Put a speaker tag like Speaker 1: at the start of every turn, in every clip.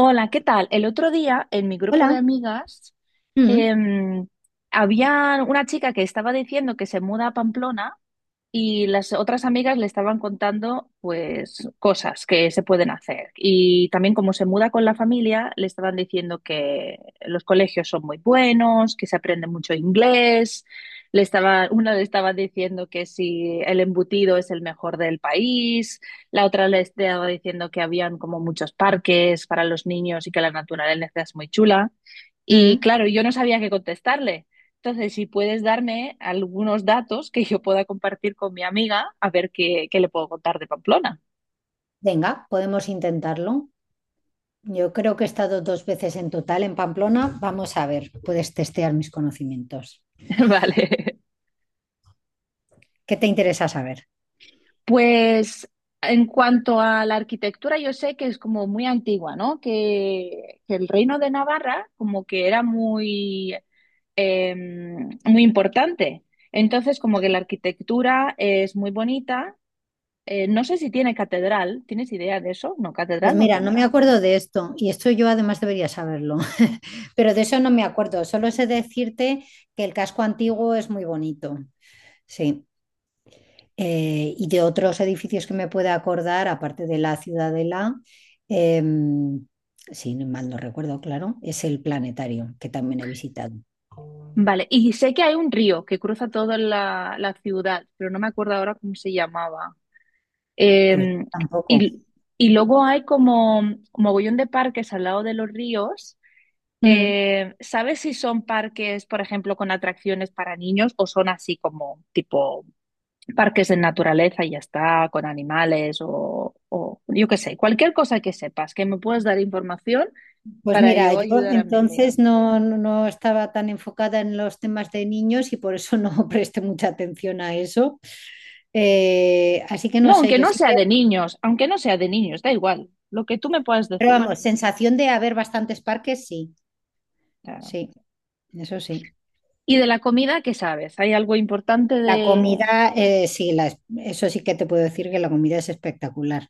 Speaker 1: Hola, ¿qué tal? El otro día en mi grupo de
Speaker 2: Hola.
Speaker 1: amigas
Speaker 2: Mm,
Speaker 1: em, había una chica que estaba diciendo que se muda a Pamplona y las otras amigas le estaban contando, pues, cosas que se pueden hacer. Y también como se muda con la familia, le estaban diciendo que los colegios son muy buenos, que se aprende mucho inglés. Le estaba, una le estaba diciendo que si el embutido es el mejor del país. La otra le estaba diciendo que habían como muchos parques para los niños y que la naturaleza es muy chula. Y
Speaker 2: mm.
Speaker 1: claro, yo no sabía qué contestarle. Entonces, si puedes darme algunos datos que yo pueda compartir con mi amiga, a ver qué, qué le puedo contar de Pamplona.
Speaker 2: Venga, podemos intentarlo. Yo creo que he estado dos veces en total en Pamplona. Vamos a ver, puedes testear mis conocimientos.
Speaker 1: Vale.
Speaker 2: ¿Qué te interesa saber?
Speaker 1: Pues en cuanto a la arquitectura, yo sé que es como muy antigua, ¿no? Que el reino de Navarra como que era muy, eh, muy importante. Entonces, como que la arquitectura es muy bonita. No sé si tiene catedral. ¿Tienes idea de eso? No,
Speaker 2: Pues
Speaker 1: catedral no
Speaker 2: mira, no me
Speaker 1: tendrá.
Speaker 2: acuerdo de esto y esto yo además debería saberlo, pero de eso no me acuerdo. Solo sé decirte que el casco antiguo es muy bonito. Sí. Y de otros edificios que me pueda acordar, aparte de la Ciudadela, em, si mal no recuerdo, claro, es el planetario que también he visitado.
Speaker 1: Vale, y sé que hay un río que cruza toda la ciudad, pero no me acuerdo ahora cómo se llamaba.
Speaker 2: Pues
Speaker 1: Eh,
Speaker 2: tampoco.
Speaker 1: y, y luego hay como mogollón de parques al lado de los ríos.
Speaker 2: Mm.
Speaker 1: ¿Sabes si son parques, por ejemplo, con atracciones para niños o son así como tipo parques de naturaleza y ya está, con animales o yo qué sé, cualquier cosa que sepas, que me puedas dar información
Speaker 2: Pues
Speaker 1: para
Speaker 2: mira,
Speaker 1: yo
Speaker 2: yo
Speaker 1: ayudar a mi amiga?
Speaker 2: entonces no estaba tan enfocada en los temas de niños y por eso no presté mucha atención a eso. Así que
Speaker 1: No,
Speaker 2: no sé,
Speaker 1: aunque no sea de niños, aunque no sea de niños, da igual, lo que tú me puedas
Speaker 2: pero
Speaker 1: decir.
Speaker 2: vamos, sensación de haber bastantes parques, sí,
Speaker 1: Claro.
Speaker 2: sí, eso sí.
Speaker 1: ¿Y de la comida qué sabes? ¿Hay algo importante
Speaker 2: La
Speaker 1: de...?
Speaker 2: comida, sí, eso sí que te puedo decir que la comida es espectacular.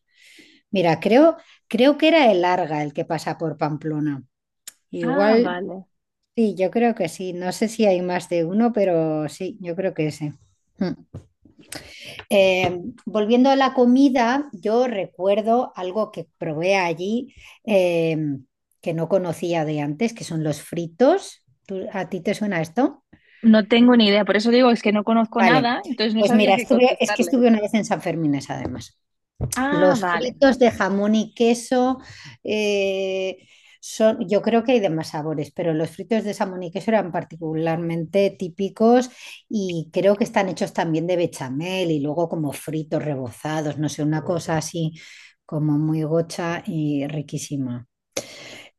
Speaker 2: Mira, creo que era el Arga el que pasa por Pamplona.
Speaker 1: Ah,
Speaker 2: Igual,
Speaker 1: vale.
Speaker 2: sí, yo creo que sí. No sé si hay más de uno, pero sí, yo creo que ese. Mm. Eh, Volviendo a la comida, yo recuerdo algo que probé allí eh, que no conocía de antes, que son los fritos. ¿A ti te suena esto?
Speaker 1: No tengo ni idea, por eso digo, es que no conozco
Speaker 2: Vale.
Speaker 1: nada, entonces no
Speaker 2: Pues
Speaker 1: sabía
Speaker 2: mira,
Speaker 1: qué
Speaker 2: es que
Speaker 1: contestarle.
Speaker 2: estuve una vez en San Fermines, además.
Speaker 1: Ah,
Speaker 2: Los
Speaker 1: vale.
Speaker 2: fritos de jamón y queso eh, son, yo creo que hay de más sabores, pero los fritos de jamón y queso eran particularmente típicos y creo que están hechos también de bechamel y luego como fritos rebozados, no sé, una cosa así como muy gocha y riquísima.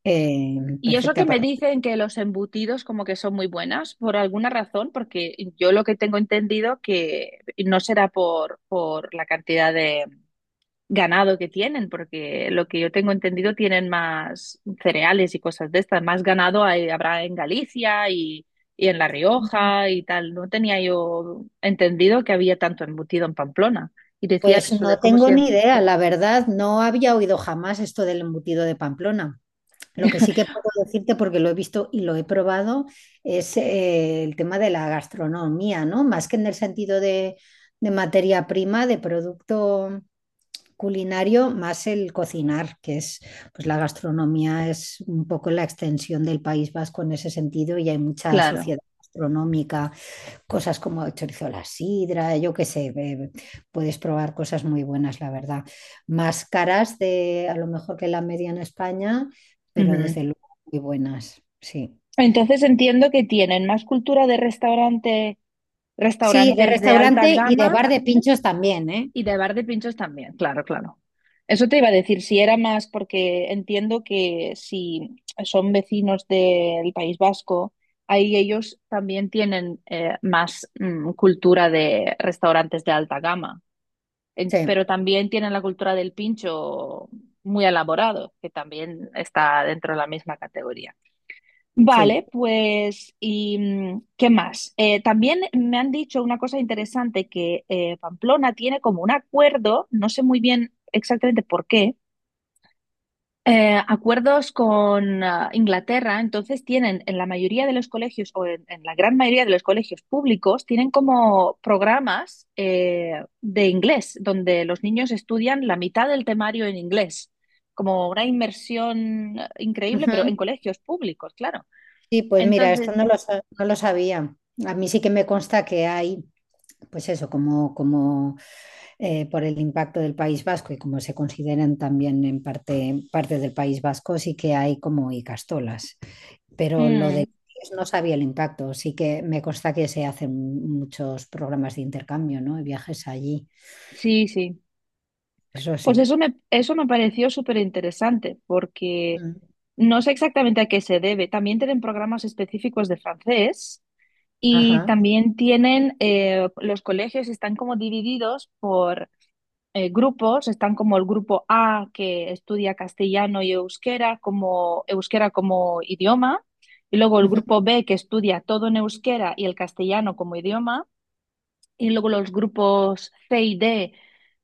Speaker 2: Eh,
Speaker 1: Y eso
Speaker 2: Perfecta
Speaker 1: que me
Speaker 2: para.
Speaker 1: dicen que los embutidos como que son muy buenas, por alguna razón, porque yo lo que tengo entendido que no será por la cantidad de, ganado que tienen, porque lo que yo tengo entendido tienen más cereales y cosas de estas, más ganado hay- habrá en Galicia y en La Rioja y tal. No tenía yo entendido que había tanto embutido en Pamplona. Y decían
Speaker 2: Pues
Speaker 1: eso de
Speaker 2: no
Speaker 1: cómo
Speaker 2: tengo
Speaker 1: se...
Speaker 2: ni idea, la verdad, no había oído jamás esto del embutido de Pamplona. Lo que sí que puedo decirte, porque lo he visto y lo he probado, es el tema de la gastronomía, ¿no? Más que en el sentido de materia prima, de producto culinario, más el cocinar, que es, pues la gastronomía es un poco la extensión del País Vasco en ese sentido y hay mucha
Speaker 1: Claro.
Speaker 2: sociedad gastronómica, cosas como el chorizo a la sidra, yo qué sé, puedes probar cosas muy buenas, la verdad. Más caras de a lo mejor que la media en España, pero
Speaker 1: Ujú.
Speaker 2: desde luego muy buenas, sí.
Speaker 1: Entonces entiendo que tienen más cultura de restaurante,
Speaker 2: Sí, de
Speaker 1: restaurantes de alta
Speaker 2: restaurante y de
Speaker 1: gama.
Speaker 2: bar de pinchos también, ¿eh?
Speaker 1: Y de bar de pinchos también, claro, claro. Eso te iba a decir, si era más, porque entiendo que si son vecinos del País Vasco, ahí ellos también tienen más cultura de restaurantes de alta gama. En-
Speaker 2: Sí,
Speaker 1: pero también tienen la cultura del pincho muy elaborado, que también está dentro de la misma categoría.
Speaker 2: sí.
Speaker 1: Vale, pues, ¿y qué más? También me han dicho una cosa interesante, que Pamplona tiene como un acuerdo, no sé muy bien exactamente por qué, acuerdos con ah, Inglaterra, entonces tienen en la mayoría de los colegios, o en la gran mayoría de los colegios públicos, tienen como programas de inglés, donde los niños estudian la mitad del temario en inglés, como una inmersión increíble, pero en
Speaker 2: Ujú.
Speaker 1: colegios públicos, claro.
Speaker 2: Sí, pues mira, esto
Speaker 1: Entonces,
Speaker 2: no lo sabía. A mí sí que me consta que hay, pues eso, como por el impacto del País Vasco y como se consideran también en parte, parte del País Vasco, sí que hay como icastolas. Pero lo de
Speaker 1: mm,
Speaker 2: no sabía el impacto, sí que me consta que se hacen muchos programas de intercambio, ¿no? Y viajes allí,
Speaker 1: sí, sí.
Speaker 2: eso
Speaker 1: Pues
Speaker 2: sí.
Speaker 1: eso me pareció súper interesante porque
Speaker 2: Mm.
Speaker 1: no sé exactamente a qué se debe. También tienen programas específicos de francés y
Speaker 2: Ajá.
Speaker 1: también tienen, los colegios están como divididos por grupos. Están como el grupo A que estudia castellano y euskera como idioma. Y luego el
Speaker 2: Ujú,
Speaker 1: grupo B que estudia todo en euskera y el castellano como idioma. Y luego los grupos C y D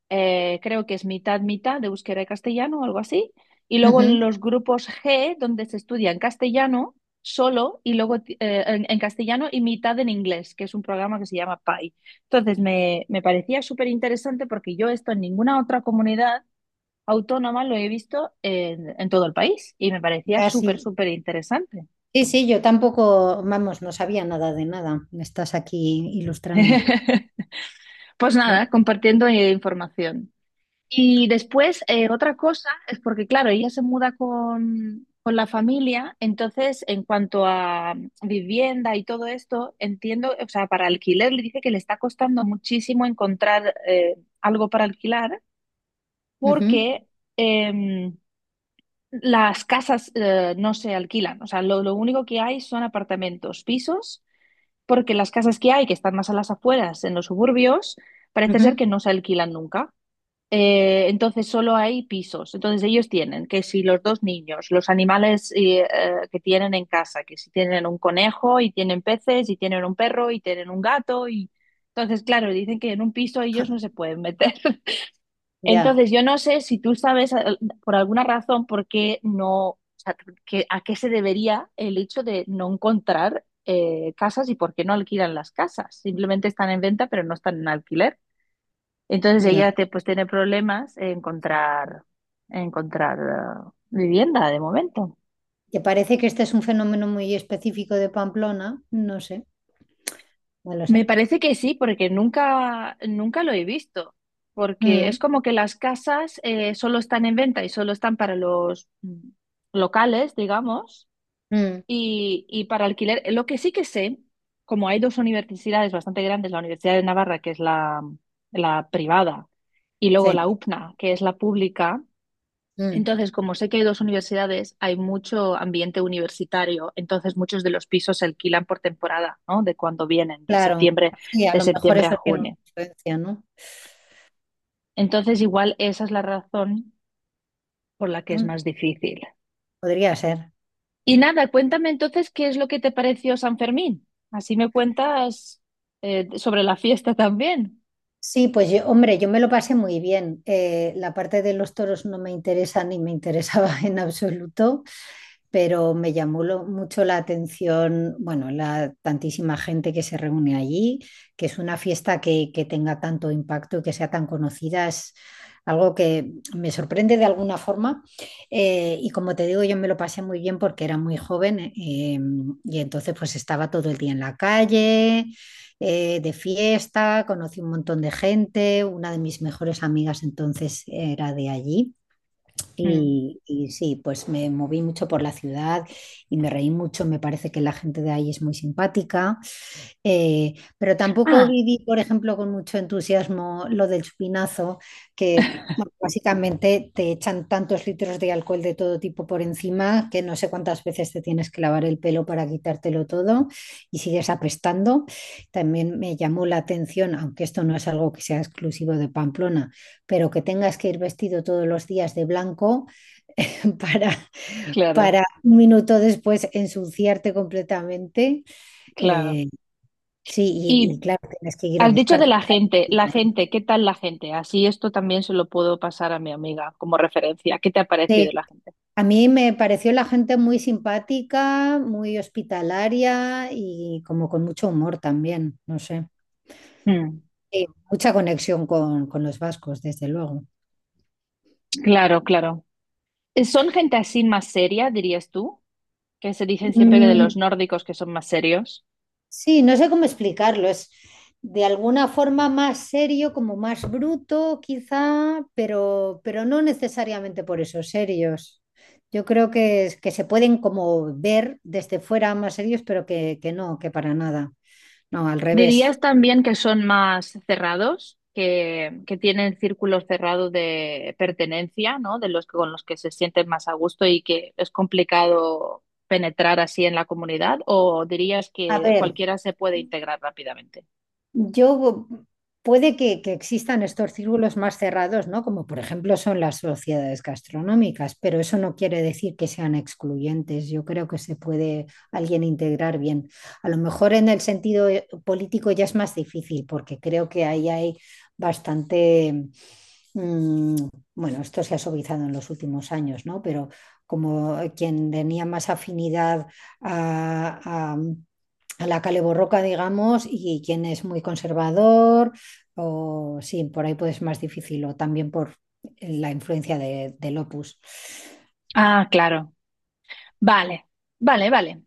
Speaker 1: creo que es mitad, mitad de euskera y castellano o algo así. Y luego
Speaker 2: ujú.
Speaker 1: los grupos G, donde se estudia en castellano solo y luego ti- en castellano y mitad en inglés, que es un programa que se llama PAI. Entonces me parecía súper interesante porque yo esto en ninguna otra comunidad autónoma lo he visto en todo el país y me parecía
Speaker 2: Ah,
Speaker 1: súper,
Speaker 2: sí.
Speaker 1: súper interesante.
Speaker 2: Sí, sí, yo tampoco, vamos, no sabía nada de nada. Me estás aquí ilustrando.
Speaker 1: Pues
Speaker 2: Mm,
Speaker 1: nada, compartiendo información. Y después, otra cosa es porque, claro, ella se muda con la familia, entonces, en cuanto a vivienda y todo esto, entiendo, o sea, para alquiler le dice que le está costando muchísimo encontrar algo para alquilar
Speaker 2: ujú,
Speaker 1: porque em, las casas no se alquilan, o sea, lo único que hay son apartamentos, pisos, porque las casas que hay, que están más a las afueras, en los suburbios, parece ser
Speaker 2: ujú.
Speaker 1: que no se alquilan nunca. Entonces solo hay pisos. Entonces ellos tienen que si los dos niños, los animales que tienen en casa, que si tienen un conejo y tienen peces y tienen un perro y tienen un gato y entonces claro, dicen que en un piso ellos no se pueden meter.
Speaker 2: Ya,
Speaker 1: Entonces yo no sé si tú sabes por alguna razón por qué no, o sea, que- a qué se debería el hecho de no encontrar casas y por qué no alquilan las casas. Simplemente están en venta pero no están en alquiler. Entonces
Speaker 2: no,
Speaker 1: ella te, pues tiene problemas en encontrar vivienda de momento.
Speaker 2: que parece que este es un fenómeno muy específico de Pamplona, no sé, no lo
Speaker 1: Me
Speaker 2: sé.
Speaker 1: parece que sí, porque nunca, nunca lo he visto. Porque
Speaker 2: Mm,
Speaker 1: es como que las casas solo están en venta y solo están para los locales, digamos,
Speaker 2: mm,
Speaker 1: y para alquiler. Lo que sí que sé, como hay dos universidades bastante grandes, la Universidad de Navarra, que es la privada, y luego
Speaker 2: sí,
Speaker 1: la UPNA, que es la pública.
Speaker 2: mm,
Speaker 1: Entonces, como sé que hay dos universidades, hay mucho ambiente universitario, entonces muchos de los pisos se alquilan por temporada, ¿no? De cuando vienen,
Speaker 2: claro, sí, a
Speaker 1: de
Speaker 2: lo mejor
Speaker 1: septiembre a
Speaker 2: eso tiene una
Speaker 1: junio.
Speaker 2: influencia, ¿no?
Speaker 1: Entonces, igual esa es la razón por la que es
Speaker 2: Mm,
Speaker 1: más difícil.
Speaker 2: Podría ser.
Speaker 1: Y nada, cuéntame entonces qué es lo que te pareció San Fermín. Así me cuentas sobre la fiesta también.
Speaker 2: Sí, pues yo, hombre, yo me lo pasé muy bien. La parte de los toros no me interesa ni me interesaba en absoluto. Pero me llamó mucho la atención, bueno, la tantísima gente que se reúne allí, que es una fiesta que tenga tanto impacto y que sea tan conocida, es algo que me sorprende de alguna forma. Y como te digo, yo me lo pasé muy bien porque era muy joven, y entonces pues estaba todo el día en la calle. Eh, de fiesta, conocí un montón de gente, una de mis mejores amigas entonces era de allí.
Speaker 1: Mm.
Speaker 2: Y sí, pues me moví mucho por la ciudad y me reí mucho. Me parece que la gente de ahí es muy simpática. Pero tampoco
Speaker 1: Ah,
Speaker 2: viví, por ejemplo, con mucho entusiasmo lo del chupinazo, que bueno, básicamente te echan tantos litros de alcohol de todo tipo por encima que no sé cuántas veces te tienes que lavar el pelo para quitártelo todo y sigues apestando. También me llamó la atención, aunque esto no es algo que sea exclusivo de Pamplona, pero que tengas que ir vestido todos los días de blanco para,
Speaker 1: claro,
Speaker 2: para un minuto después ensuciarte completamente.
Speaker 1: claro.
Speaker 2: Eh, sí, y
Speaker 1: Y
Speaker 2: claro, tienes que ir a
Speaker 1: has dicho de
Speaker 2: buscarte.
Speaker 1: la gente, ¿qué tal la gente? Así esto también se lo puedo pasar a mi amiga como referencia. ¿Qué te ha parecido
Speaker 2: Sí,
Speaker 1: la gente?
Speaker 2: a mí me pareció la gente muy simpática, muy hospitalaria y como con mucho humor también, no sé.
Speaker 1: Mm,
Speaker 2: Sí, mucha conexión con los vascos, desde luego.
Speaker 1: claro, claro. ¿Son gente así más seria, dirías tú? Que se dicen siempre que de
Speaker 2: Mm.
Speaker 1: los nórdicos que son más serios.
Speaker 2: Sí, no sé cómo explicarlo. Es de alguna forma más serio, como más bruto, quizá, pero no necesariamente por eso, serios. Yo creo que se pueden como ver desde fuera más serios, pero que no, que para nada. No, al revés.
Speaker 1: ¿Dirías también que son más cerrados, que tienen círculos cerrados de pertenencia, ¿no? De los que- con los que se sienten más a gusto y que es complicado penetrar así en la comunidad? ¿O dirías
Speaker 2: A
Speaker 1: que
Speaker 2: ver,
Speaker 1: cualquiera se puede integrar rápidamente?
Speaker 2: yo puede que existan estos círculos más cerrados, ¿no? Como por ejemplo son las sociedades gastronómicas, pero eso no quiere decir que sean excluyentes. Yo creo que se puede alguien integrar bien. A lo mejor en el sentido político ya es más difícil, porque creo que ahí hay bastante, mm, bueno, esto se ha suavizado en los últimos años, ¿no? Pero como quien tenía más afinidad a a- a la caleborroca, digamos, y quien es muy conservador, o sí, por ahí puede ser más difícil, o también por la influencia del opus.
Speaker 1: Ah, claro. Vale, vale, vale.